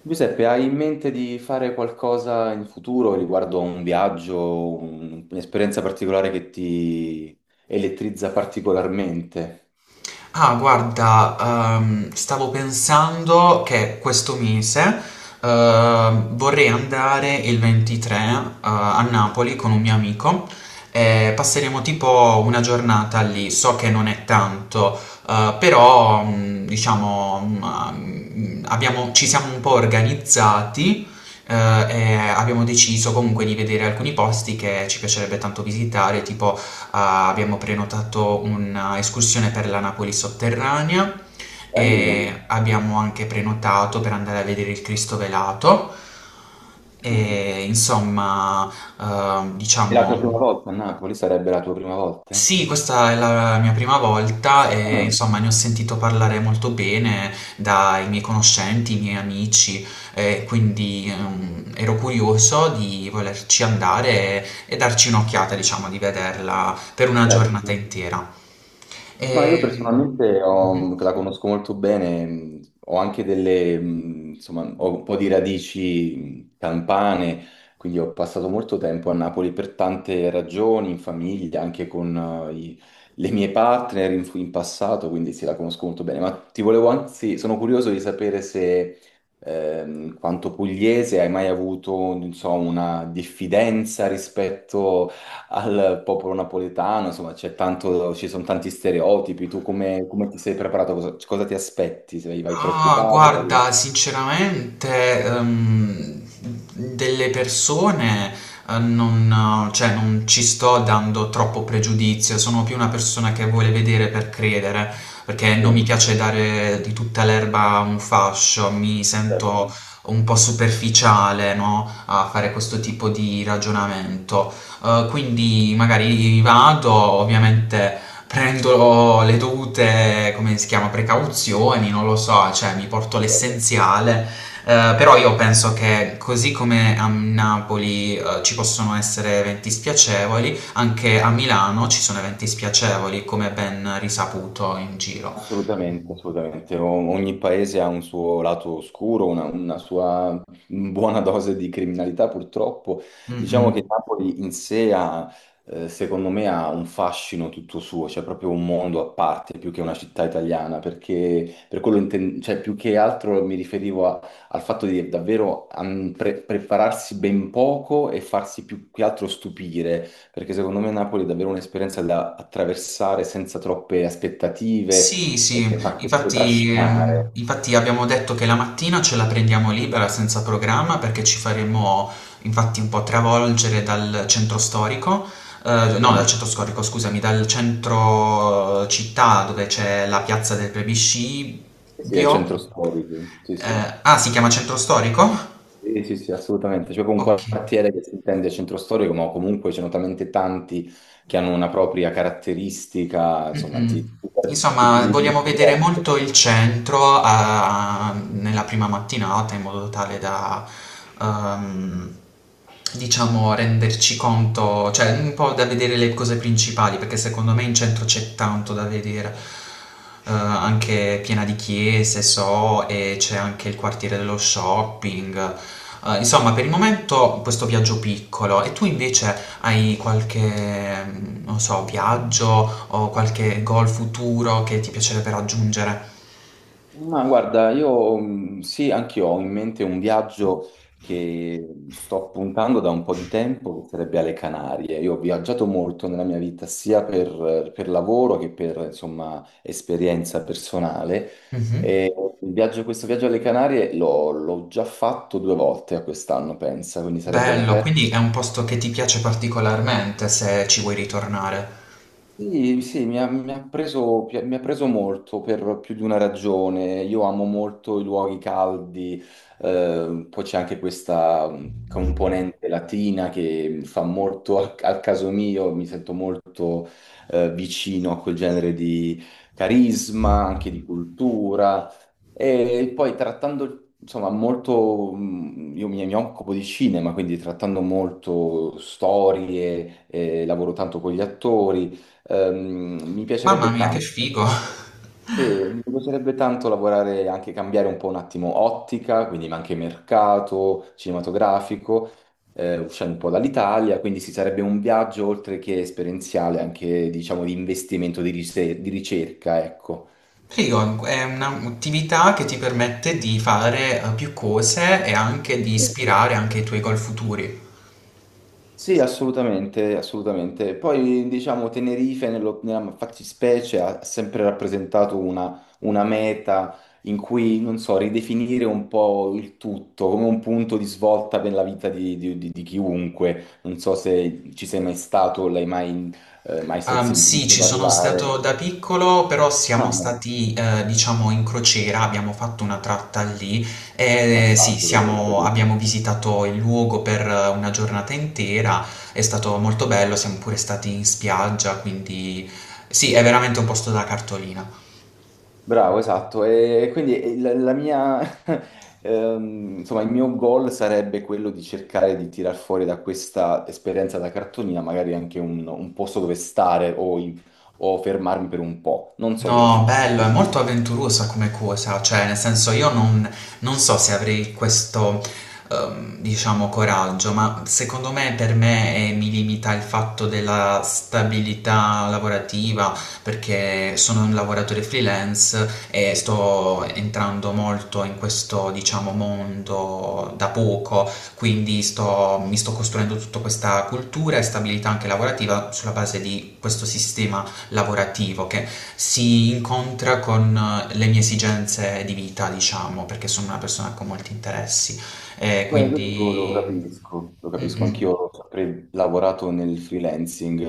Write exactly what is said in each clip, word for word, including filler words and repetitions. Giuseppe, hai in mente di fare qualcosa in futuro riguardo a un viaggio, un- un'esperienza particolare che ti elettrizza particolarmente? Ah, guarda, ehm, stavo pensando che questo mese ehm, vorrei andare il ventitré eh, a Napoli con un mio amico e passeremo tipo una giornata lì. So che non è tanto, eh, però mm, diciamo mm, abbiamo- ci siamo un po' organizzati eh, e abbiamo deciso comunque di vedere alcuni posti che ci piacerebbe tanto visitare, tipo. Ah, abbiamo prenotato un'escursione per la Napoli sotterranea Bello. e abbiamo anche prenotato per andare a vedere il Cristo velato. Ah. E insomma, eh, È la tua diciamo, prima volta a Napoli? Sarebbe la tua prima volta? sì, questa è la mia prima volta e Ah, insomma ne ho sentito parlare molto bene dai miei conoscenti, i miei amici, e quindi ehm, ero curioso di volerci andare e, e darci un'occhiata, diciamo, di vederla per una giornata certo. intera. No, io Ehm, personalmente mhm. ho- la conosco molto bene, mh, ho anche delle, mh, insomma, ho un po' di radici mh, campane, quindi ho passato molto tempo a Napoli per tante ragioni, in famiglia, anche con eh, i- le mie partner in, in passato, quindi sì, la conosco molto bene. Ma ti volevo anzi, sono curioso di sapere se, ehm, quanto pugliese, hai mai avuto, non so, una diffidenza rispetto al popolo napoletano, insomma, c'è tanto, ci sono tanti stereotipi. Tu come, come ti sei preparato? Cosa, cosa ti aspetti? Sei, vai Ah, preoccupato? Vai... guarda, sinceramente, ehm, delle persone eh, non, cioè, non ci sto dando troppo pregiudizio, sono più una persona che vuole vedere per credere, perché Sì, non mi piace dare di tutta l'erba un fascio, mi sento certo. un po' superficiale, no, a fare questo tipo di ragionamento. Eh, quindi magari vado, ovviamente prendo le dovute, come si chiama, precauzioni, non lo so, cioè mi porto l'essenziale. Eh, però io penso che così come a Napoli eh, ci possono essere eventi spiacevoli, anche a Milano ci sono eventi spiacevoli, come ben risaputo in giro. Assolutamente, assolutamente. O- Ogni paese ha un suo lato oscuro, una, una sua buona dose di criminalità, purtroppo. Diciamo Mm-mm. che Napoli in sé ha, eh, secondo me, ha un fascino tutto suo, c'è proprio un mondo a parte più che una città italiana, perché per quello inten- cioè, più che altro mi riferivo a- al fatto di davvero am, pre- prepararsi ben poco e farsi più che altro stupire, perché secondo me Napoli è davvero un'esperienza da attraversare senza troppe aspettative, Sì, sì, mi fa anche proprio infatti, ehm, trascinare. infatti abbiamo detto che la mattina ce la prendiamo libera senza programma perché ci faremo infatti un po' travolgere dal centro storico, eh, no, dal Sì, centro storico, scusami, dal centro eh, città dove c'è la piazza del sì, sì, è centro Plebiscibio. storico, sì, sì. Eh, ah, si chiama centro storico? Sì, sì, sì, assolutamente. C'è proprio un Ok. quartiere che si intende centro storico, ma comunque ce ne sono talmente tanti che hanno una propria caratteristica, insomma, ti, Mm-mm. ti, ti- ti- Insomma, ti- vogliamo vedere molto il centro ah, nella prima mattinata in modo tale da, ehm, diciamo, renderci conto, cioè un po' da vedere le cose principali, perché secondo me in centro c'è tanto da vedere. Eh, anche piena di chiese, so, e c'è anche il quartiere dello shopping. Eh, insomma, per il momento questo viaggio piccolo. E tu invece hai qualche, mhmm, non so, viaggio o qualche goal futuro che ti piacerebbe raggiungere? ma guarda, io mh, sì, anch'io ho in mente un viaggio che sto puntando da un po' di tempo, che sarebbe alle Canarie. Io ho viaggiato molto nella mia vita, sia per, per lavoro che per, insomma, esperienza personale. Mh-mh. E il viaggio- questo viaggio alle Canarie l'ho l'ho già fatto due volte a quest'anno, pensa, quindi sarebbe la Bello, terza. quindi è un posto che ti piace particolarmente se ci vuoi ritornare. Sì, sì, mi ha, mi ha preso, pi- mi ha preso molto per più di una ragione. Io amo molto i luoghi caldi, eh, poi c'è anche questa mm, componente latina che fa molto al, al caso mio, mi sento molto eh, vicino a quel genere di carisma, anche di cultura. E poi trattando, insomma, molto, mm, io mi, mi occupo di cinema, quindi trattando molto storie, eh, lavoro tanto con gli attori. Ehm, mi Mamma piacerebbe mia, che tanto, figo! eh, mi piacerebbe tanto lavorare, anche cambiare un po' un attimo ottica, quindi ma anche mercato cinematografico, eh, uscendo un po' dall'Italia, quindi si sarebbe un viaggio oltre che esperienziale, anche diciamo di investimento, di rise- di ricerca, ecco. Figo, è un'attività che ti permette di fare, uhm, più cose e anche di ispirare anche i tuoi goal futuri. Sì, assolutamente, assolutamente. Poi, diciamo, Tenerife nello- nella fattispecie ha sempre rappresentato una, una meta in cui, non so, ridefinire un po' il tutto, come un punto di svolta per la vita di, di- di- di chiunque. Non so se ci sei mai stato, o l'hai mai, eh, mai se- Ehm, sì, sentito ci sono stato parlare. da piccolo, però Ah, siamo no, stati, eh, diciamo, in crociera, abbiamo fatto una tratta lì e eh, sì, passaggio veloce. siamo- abbiamo visitato il luogo per eh, una giornata intera, è stato molto bello, siamo pure stati in spiaggia, quindi sì, è veramente un posto da cartolina. Bravo, esatto. E quindi eh, la, la mia, ehm, insomma, il mio goal sarebbe quello di cercare di tirar fuori da questa esperienza da cartolina magari anche un, un posto dove stare o, in- o fermarmi per un po'. Non so se ci No, riuscirò. bello, è molto avventurosa come cosa, cioè nel senso io non, non so se avrei questo, ehm, diciamo, coraggio, ma secondo me per me eh, mi limita il fatto della stabilità lavorativa, perché sono un lavoratore freelance e sto entrando molto in questo, diciamo, mondo da poco, quindi sto- mi sto costruendo tutta questa cultura e stabilità anche lavorativa sulla base di questo sistema lavorativo che si incontra con eh, le mie esigenze di vita, diciamo, perché sono una persona con molti interessi e Beh, questo lo quindi. capisco, lo capisco anch'io, Mm-mm. ho sempre lavorato nel freelancing,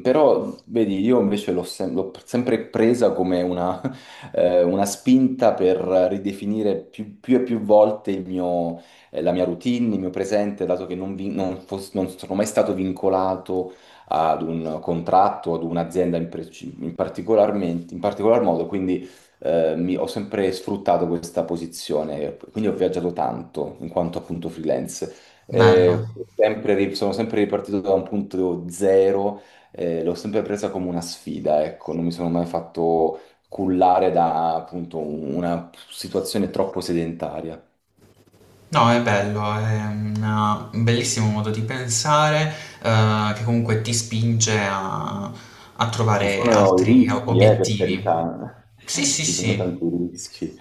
eh, però vedi, io invece l'ho sem- l'ho sempre presa come una, eh, una spinta per ridefinire più, più e più volte il mio, eh, la mia routine, il mio presente, dato che non, vi- non fos- non sono mai stato vincolato ad un contratto, ad un'azienda in, preci- in particolarmente- in particolar modo, quindi eh, mi- ho sempre sfruttato questa posizione, quindi ho viaggiato tanto in quanto appunto freelance. Bello. Eh, sempre ri- sono sempre ripartito da un punto zero, eh, l'ho sempre presa come una sfida, ecco, non mi sono mai fatto cullare da appunto una situazione troppo sedentaria. No, è bello, è una- un bellissimo modo di pensare, eh, che comunque ti spinge a, a Ci trovare sono i altri rischi, eh, per obiettivi. carità, Sì, sì, ci sono sì. tanti rischi,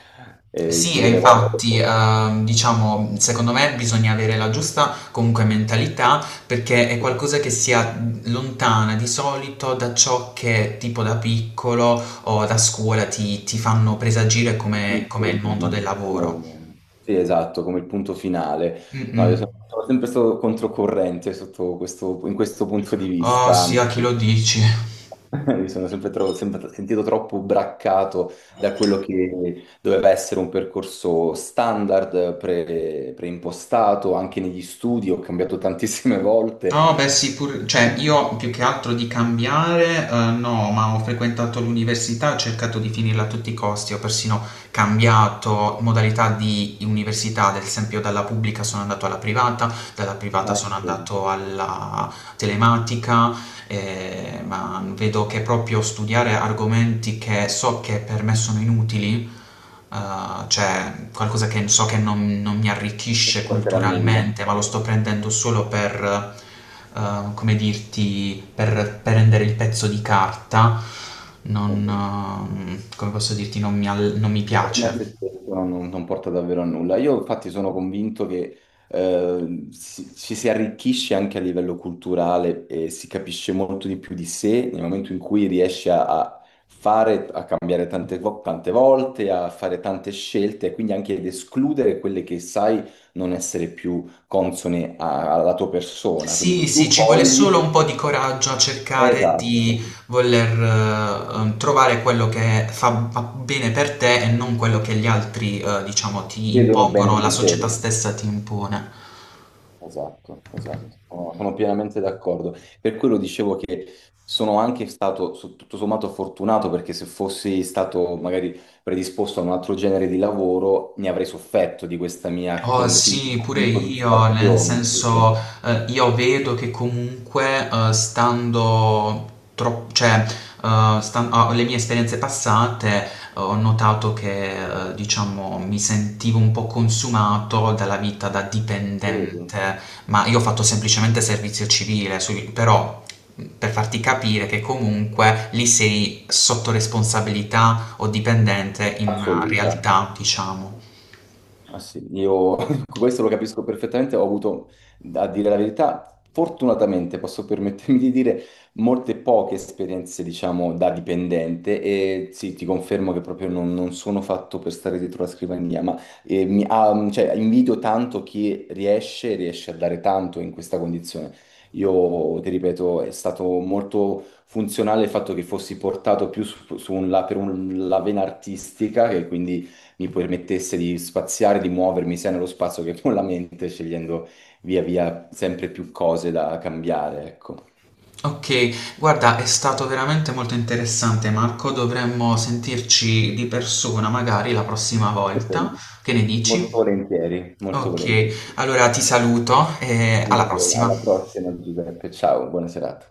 eh, il Sì, più e delle volte. infatti, ehm, diciamo, secondo me bisogna avere la giusta comunque mentalità perché è qualcosa che sia lontana di solito da ciò che tipo da piccolo o da scuola ti, ti fanno presagire come, come è Come, il mondo del lavoro. come- sì, esatto, come il punto finale. No, io Mm-mm. sono sono sempre stato controcorrente sotto questo- in questo punto di Oh vista, sì, a anzi, chi lo dici? mi sono sempre, tro- sempre sentito troppo braccato da quello che doveva essere un percorso standard, pre- preimpostato, anche negli studi, ho cambiato tantissime volte, No, beh sì, pur- cioè io più che altro di cambiare, eh, no, ma ho frequentato l'università, ho cercato di finirla a tutti i costi, ho persino cambiato modalità di università, ad esempio dalla pubblica sono andato alla privata, dalla privata eh, sono non andato alla telematica, eh, ma vedo che proprio studiare argomenti che so che per me sono inutili, eh, cioè qualcosa che so che non, non mi ti arricchisce porterà a nulla. culturalmente, ma lo sto prendendo solo per, eh, come dirti, per prendere il pezzo di carta, non, Eh, ehm, come posso dirti, non mi, al- non mi fine a piace. se stesso non, non porta davvero a nulla. Io infatti sono convinto che eh, si- ci si arricchisce anche a livello culturale e si capisce molto di più di sé nel momento in cui riesci a, a fare, a cambiare tante, vo- tante volte, a fare tante scelte e quindi anche ad escludere quelle che sai non essere più consone a- alla tua persona. Quindi Sì, sì, più ci vuole fogli, solo un po' di coraggio a cercare di esatto, voler, eh, eh, trovare quello che fa fa bene per te e non quello che gli altri, eh, diciamo, ti vedono bene impongono, su la di società te. stessa ti impone. Esatto, esatto, sono sono pienamente d'accordo. Per quello dicevo che sono anche stato su- tutto sommato fortunato perché se fossi stato magari predisposto a un altro genere di lavoro ne avrei sofferto di questa mia Oh continua sì, pure io, nel insoddisfazione, senso capito? eh, io vedo che comunque eh, stando troppo, cioè eh, stan- ah, le mie esperienze passate eh, ho notato che eh, diciamo mi sentivo un po' consumato dalla vita da Credo. dipendente, ma io ho fatto semplicemente servizio civile, su- però mh, per farti capire che comunque lì sei sotto responsabilità o dipendente in una Assoluta. realtà, diciamo. Ah sì, io questo lo capisco perfettamente, ho avuto, a dire la verità, fortunatamente posso permettermi di dire, molte poche esperienze, diciamo, da dipendente e sì, ti confermo che proprio non, non sono fatto per stare dietro la scrivania, ma eh, mi, ah, mm, cioè, invidio tanto chi riesce, riesce a dare tanto in questa condizione. Io, ti ripeto, è stato molto funzionale il fatto che fossi portato più su, su un la- per un- la vena artistica, che quindi mi permettesse di spaziare, di muovermi sia nello spazio che con la mente, scegliendo via via sempre più cose da cambiare, ecco. Ok, guarda, è stato veramente molto interessante, Marco. Dovremmo sentirci di persona magari la prossima volta. Che ne dici? Molto volentieri, molto Ok, volentieri. allora ti saluto e alla Anch'io, alla prossima. prossima Giuseppe, ciao, buona serata.